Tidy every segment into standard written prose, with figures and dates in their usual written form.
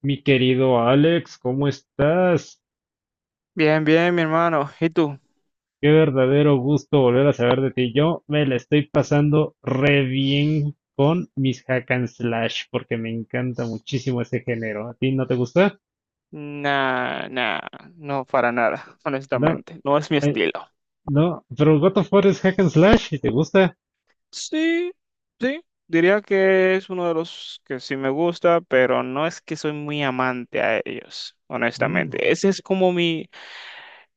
Mi querido Alex, ¿cómo estás? Bien, bien, mi hermano. ¿Y tú? Qué verdadero gusto volver a saber de ti. Yo me la estoy pasando re bien con mis hack and slash porque me encanta muchísimo ese género. ¿A ti no te gusta? Nah, nah, no para nada, No, honestamente. No es mi eh, estilo. no, pero God of War es hack and slash y te gusta. Sí, sí. Diría que es uno de los que sí me gusta, pero no es que soy muy amante a ellos, honestamente. Mm. Ese es como mi,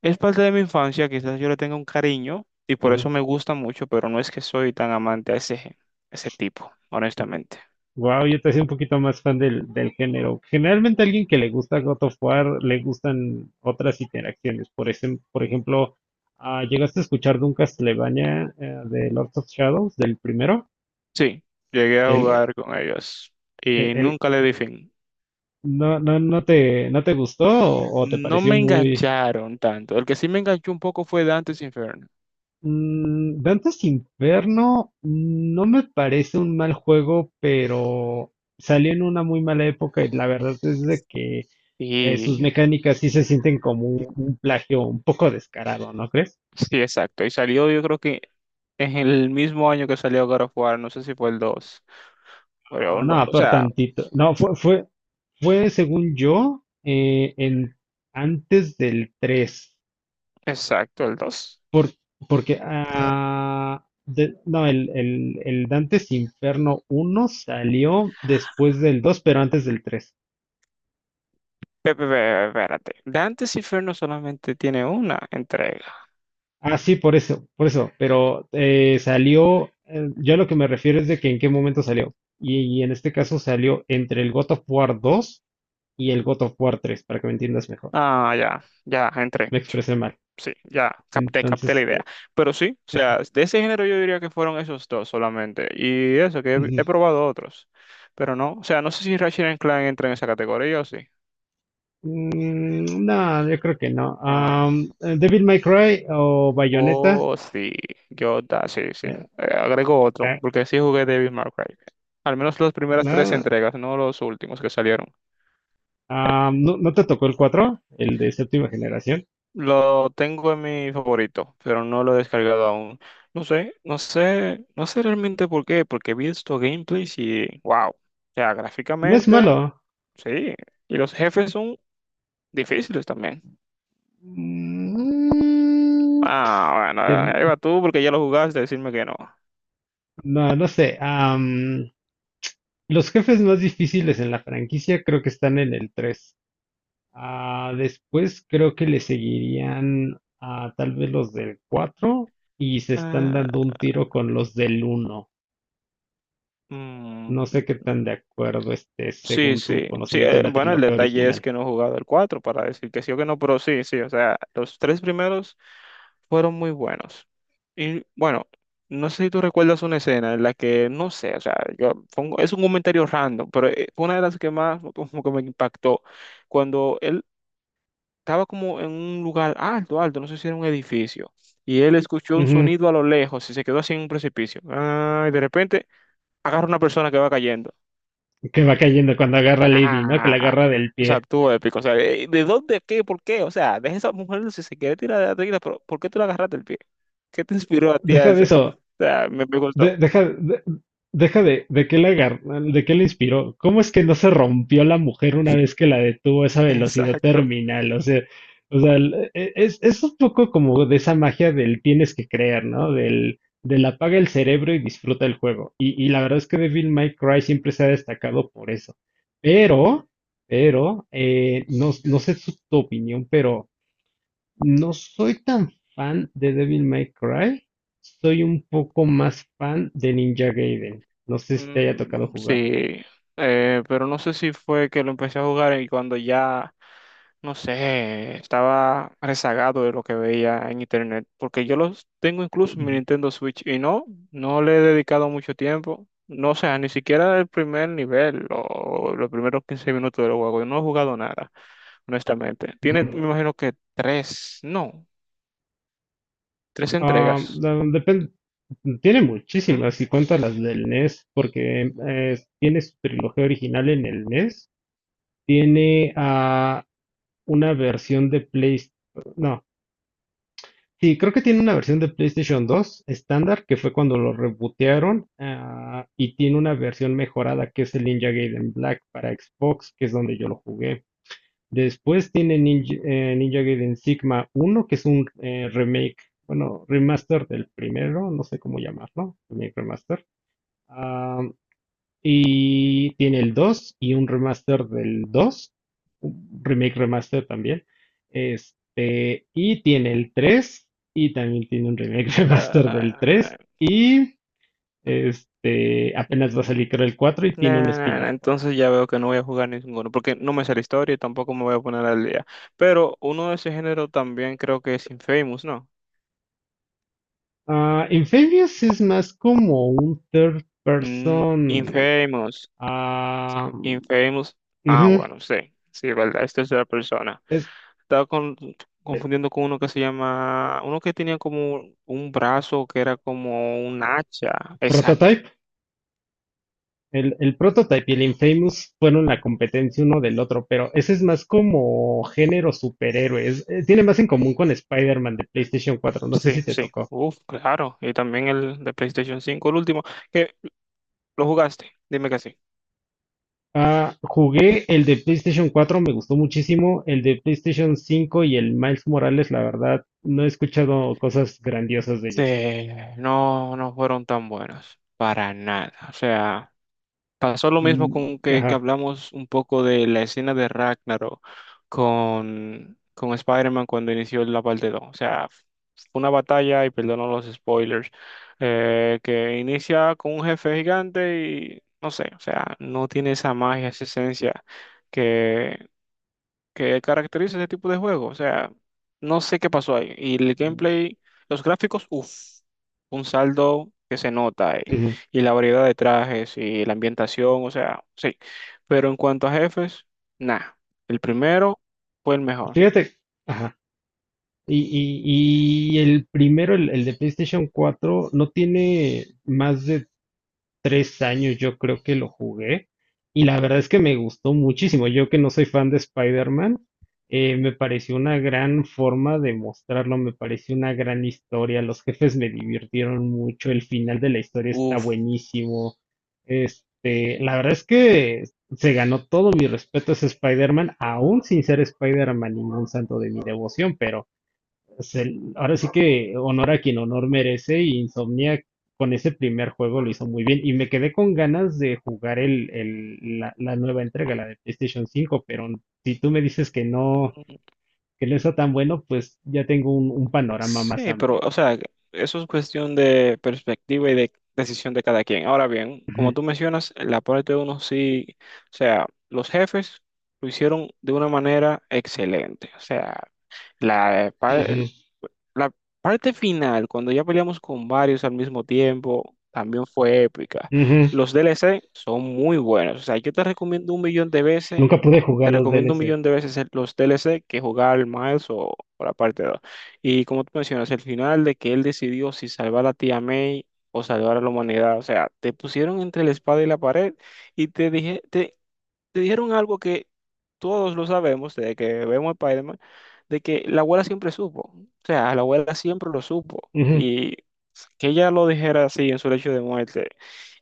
es parte de mi infancia, quizás yo le tenga un cariño y por Ujú. eso me gusta mucho, pero no es que soy tan amante a ese, ese tipo, honestamente. Wow, yo te soy un poquito más fan del género. Generalmente a alguien que le gusta God of War le gustan otras interacciones. Por ejemplo, ¿llegaste a escuchar de un Castlevania, de Lords of Shadows, del primero? Sí, llegué a El, jugar con ellos el- y el- nunca le di fin. ¿No, no, no te, no te gustó, o, te No pareció me muy? engancharon tanto. El que sí me enganchó un poco fue Dante's Inferno. Mm, Dante's Inferno no me parece un mal juego, pero salió en una muy mala época y la verdad es de que, sus Y mecánicas sí se sienten como un plagio un poco descarado, ¿no crees? sí, exacto. Y salió, yo creo que en el mismo año que salió God of War, no sé si fue el dos. Pero Ah, no, no, o por sea, tantito. No, fue según yo, antes del tres. exacto, el 2. Por, porque, no, el Dante's Inferno uno salió después del 2, pero antes del 3. Espérate. Dante's Inferno solamente tiene una entrega. Ah, sí, por eso, por eso. Pero yo a lo que me refiero es de que en qué momento salió. Y en este caso salió entre el God of War 2 y el God of War 3, para que me entiendas mejor. Ah, ya, ya, entré. Me expresé mal. Sí, ya capté, capté la Entonces, idea. Pero sí, o sea, de ese género yo diría que fueron esos dos solamente. Y eso, que he ujú. probado otros. Pero no, o sea, no sé si Ratchet and Clank entra en esa categoría o sí. No, yo creo que no. Ah, Devil May Cry o Bayonetta, oh, sí, yo, da, sí, sí. eh, Agrego otro, eh, porque sí jugué Devil May Cry. Al menos las primeras tres no. entregas, no los últimos que salieron. ¿No, no te tocó el cuatro, el de séptima generación? Lo tengo en mi favorito, pero no lo he descargado aún. No sé realmente por qué, porque he visto gameplays y wow. O sea, No es gráficamente, malo. sí. Y los jefes son difíciles también. Mm. Ah, bueno, te- ahí va tú porque ya lo jugaste, decirme que no. No, no sé. Los jefes más difíciles en la franquicia creo que están en el 3. Ah, después creo que le seguirían a tal vez los del 4 y se están dando Ah, un tiro con los del uno. mm, No sé qué tan de acuerdo estés sí, según tu sí, sí, conocimiento de la bueno, el trilogía detalle es original. que no he jugado el 4 para decir que sí o que no, pero sí, sí, o sea, los tres primeros fueron muy buenos. Y bueno, no sé si tú recuerdas una escena en la que, no sé, o sea, es un comentario random, pero fue una de las que más como que me impactó, cuando él estaba como en un lugar alto, alto, no sé si era un edificio, y él escuchó un Ujú. sonido a lo lejos y se quedó así en un precipicio. Ah, y de repente agarra una persona que va cayendo. Que va cayendo cuando agarra a Lady, ¿no? Que la Ah, agarra del o sea, pie. tú épico. O sea, ¿de dónde, qué, por qué? O sea, deja esa mujer si se quiere tirar de la tequila, pero ¿por qué tú la agarraste el pie? ¿Qué te inspiró a ti a Deja de eso? O eso. sea, me gustó. de- deja, de, deja de, de qué le inspiró. ¿Cómo es que no se rompió la mujer una vez que la detuvo a esa velocidad Exacto. terminal? O sea, es un poco como de esa magia del tienes que creer, ¿no? Del apaga el cerebro y disfruta el juego. Y la verdad es que Devil May Cry siempre se ha destacado por eso. Pero, pero, no, no sé tu opinión, pero no soy tan fan de Devil May Cry, soy un poco más fan de Ninja Gaiden. No sé si te haya Mm, tocado jugarlo. sí, pero no sé si fue que lo empecé a jugar y cuando ya, no sé, estaba rezagado de lo que veía en internet, porque yo los tengo incluso en mi Ujú, Nintendo Switch y no, no le he dedicado mucho tiempo, no, o sea, ni siquiera el primer nivel o los primeros 15 minutos del juego, yo no he jugado nada, honestamente. Tiene, me ujú. imagino que tres, no, tres Ah, entregas. no, depende. Tiene ¿Mm? muchísimas, y cuenta las del NES, porque tiene su trilogía original en el NES, tiene, una versión de PlayStation. Sí, creo que tiene una versión de PlayStation 2 estándar, que fue cuando lo rebootearon, y tiene una versión mejorada que es el Ninja Gaiden Black para Xbox, que es donde yo lo jugué. Después tiene Ninja Gaiden Sigma uno, que es un, remake, bueno, remaster del primero, no sé cómo llamarlo, remake remaster. Ah, y tiene el 2 y un remaster del 2, un remake remaster también. Este, y tiene el tres, y también tiene un remake remaster del Ah, 3 y, este, apenas va a salir creo el 4 y tiene nah, un nah, nah, spin-off por ahí. entonces ya veo que no voy a jugar ninguno, porque no me sé la historia y tampoco me voy a poner al día. Pero uno de ese género también creo que es Infamous, ¿no? Ah, Infamous es más como un third Mm, person. Infamous, ah, Infamous. Ah, ujú, bueno, sí, sí, verdad, es tercera persona. es Estaba con- confundiendo con uno que se llama, uno que tenía como un brazo que era como un hacha. Exacto, prototype. El Prototype y el Infamous fueron la competencia uno del otro, pero ese es más como género superhéroes. Tiene más en común con Spider-Man de PlayStation 4. No sé sí, si te sí. tocó. Uf, claro. Y también el de PlayStation 5, el último, que lo jugaste, dime que sí. Ah, jugué el de PlayStation 4, me gustó muchísimo. El de PlayStation 5 y el Miles Morales, la verdad, no he escuchado cosas grandiosas de ellos. Sí, no, no fueron tan buenos, para nada. O sea, pasó lo mismo Mm. con que Ajá. hablamos un poco de la escena de Ragnarok con Spider-Man cuando inició la parte 2. O sea, fue una batalla, y perdono los spoilers, que inicia con un jefe gigante y no sé, o sea, no tiene esa magia, esa esencia que caracteriza ese tipo de juego. O sea, no sé qué pasó ahí. Y el gameplay, los gráficos, uff, un saldo que se nota ahí. Ujú. Y la variedad de trajes y la ambientación, o sea, sí. Pero en cuanto a jefes, nada. El primero fue el mejor. Fíjate. Ajá. Y el primero, el de PlayStation 4, no tiene más de 3 años, yo creo que lo jugué, y la verdad es que me gustó muchísimo. Yo, que no soy fan de Spider-Man, me pareció una gran forma de mostrarlo, me pareció una gran historia, los jefes me divirtieron mucho, el final de la historia está Uff. buenísimo. Este, la verdad es que se ganó todo mi respeto a ese Spider-Man, aún sin ser Spider-Man ningún santo de mi devoción, pero... Pues ahora sí que honor a quien honor merece, y Insomnia, con ese primer juego, lo hizo muy bien, y me quedé con ganas de jugar la nueva entrega, la de PlayStation 5, pero si tú me dices que no está tan bueno, pues ya tengo un panorama más Sí, pero, amplio. o sea, eso es cuestión de perspectiva y de decisión de cada quien. Ahora bien, Ujú, como tú mencionas, la parte de uno sí, o sea, los jefes lo hicieron de una manera excelente. O sea, la, ujú, la parte final, cuando ya peleamos con varios al mismo tiempo, también fue épica. ujú. Los DLC son muy buenos. O sea, yo te recomiendo un millón de veces, Nunca pude te jugar los recomiendo un DLC. millón de veces los DLC que jugar el Miles o la parte dos. Y como tú mencionas, el final de que él decidió si salvar a tía May o salvar a la humanidad. O sea, te pusieron entre la espada y la pared y te dijeron algo que todos lo sabemos desde que vemos Spider-Man, de que la abuela siempre supo. O sea, la abuela siempre lo supo. Ujú. Y que ella lo dijera así en su lecho de muerte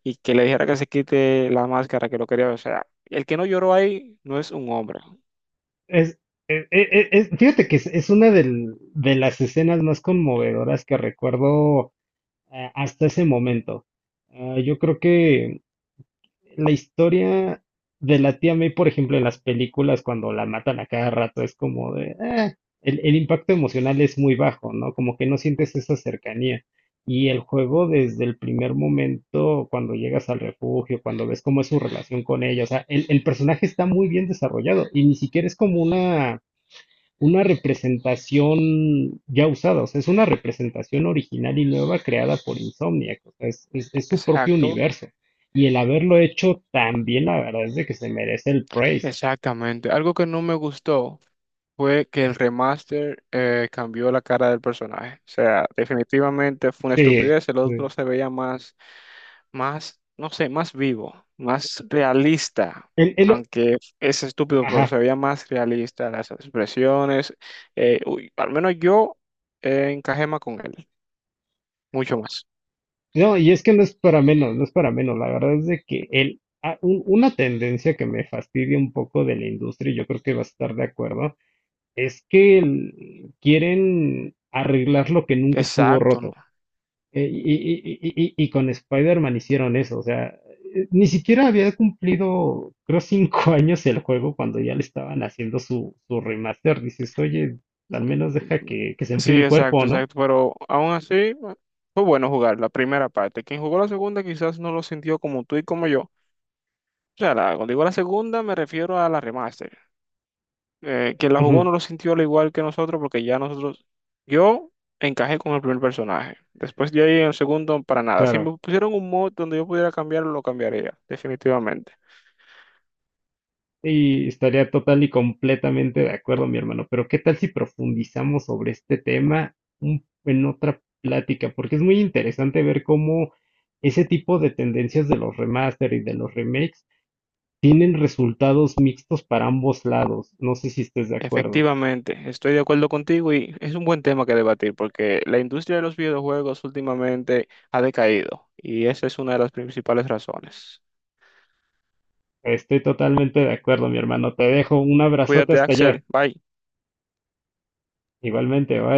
y que le dijera que se quite la máscara que lo quería. O sea, el que no lloró ahí no es un hombre. Es, e- e- e- es- fíjate que es una de las escenas más conmovedoras que recuerdo, hasta ese momento. Ah, yo creo que la historia de la tía May, por ejemplo, en las películas, cuando la matan a cada rato, es como de "Ah", el impacto emocional es muy bajo, ¿no? Como que no sientes esa cercanía. Y el juego, desde el primer momento, cuando llegas al refugio, cuando ves cómo es su relación con ella, o sea, el personaje está muy bien desarrollado, y ni siquiera es como una representación ya usada. O sea, es una representación original y nueva creada por Insomniac. O sea, es, es su propio Exacto, universo. Y el haberlo hecho tan bien, la verdad es de que se merece el praise. exactamente. Algo que no me gustó fue que el remaster cambió la cara del personaje. O sea, definitivamente fue una Sí, estupidez. El otro sí. se veía más más, no sé, más vivo, más realista, El- el- aunque es estúpido, pero ajá. se veía más realista las expresiones. Al menos yo encajé más con él, mucho más. No, y es que no es para menos, no es para menos. La verdad es de que una tendencia que me fastidia un poco de la industria, y yo creo que vas a estar de acuerdo, es que quieren arreglar lo que nunca estuvo Exacto. ¿No? roto. Y con Spider-Man hicieron eso, o sea, ni siquiera había cumplido, creo, 5 años el juego cuando ya le estaban haciendo su remaster. Dices, oye, al menos deja Mm, que se sí, enfríe el exacto, cuerpo, ¿no? exacto, pero aún así bueno, fue bueno jugar la primera parte. Quien jugó la segunda quizás no lo sintió como tú y como yo. O sea, cuando digo la segunda me refiero a la remaster. Quien la jugó no Ujú. lo sintió al igual que nosotros porque ya nosotros, yo encajé con el primer personaje. Después de ahí en el segundo, para nada. Si Claro. me pusieron un mod donde yo pudiera cambiarlo, lo cambiaría, definitivamente. Y estaría total y completamente de acuerdo, mi hermano. Pero ¿qué tal si profundizamos sobre este tema en otra plática? Porque es muy interesante ver cómo ese tipo de tendencias de los remaster y de los remakes tienen resultados mixtos para ambos lados. No sé si estés de acuerdo. Efectivamente, estoy de acuerdo contigo y es un buen tema que debatir porque la industria de los videojuegos últimamente ha decaído y esa es una de las principales razones. Estoy totalmente de acuerdo, mi hermano. Te dejo un abrazote Cuídate, hasta allá. Axel. Bye. Igualmente, bye.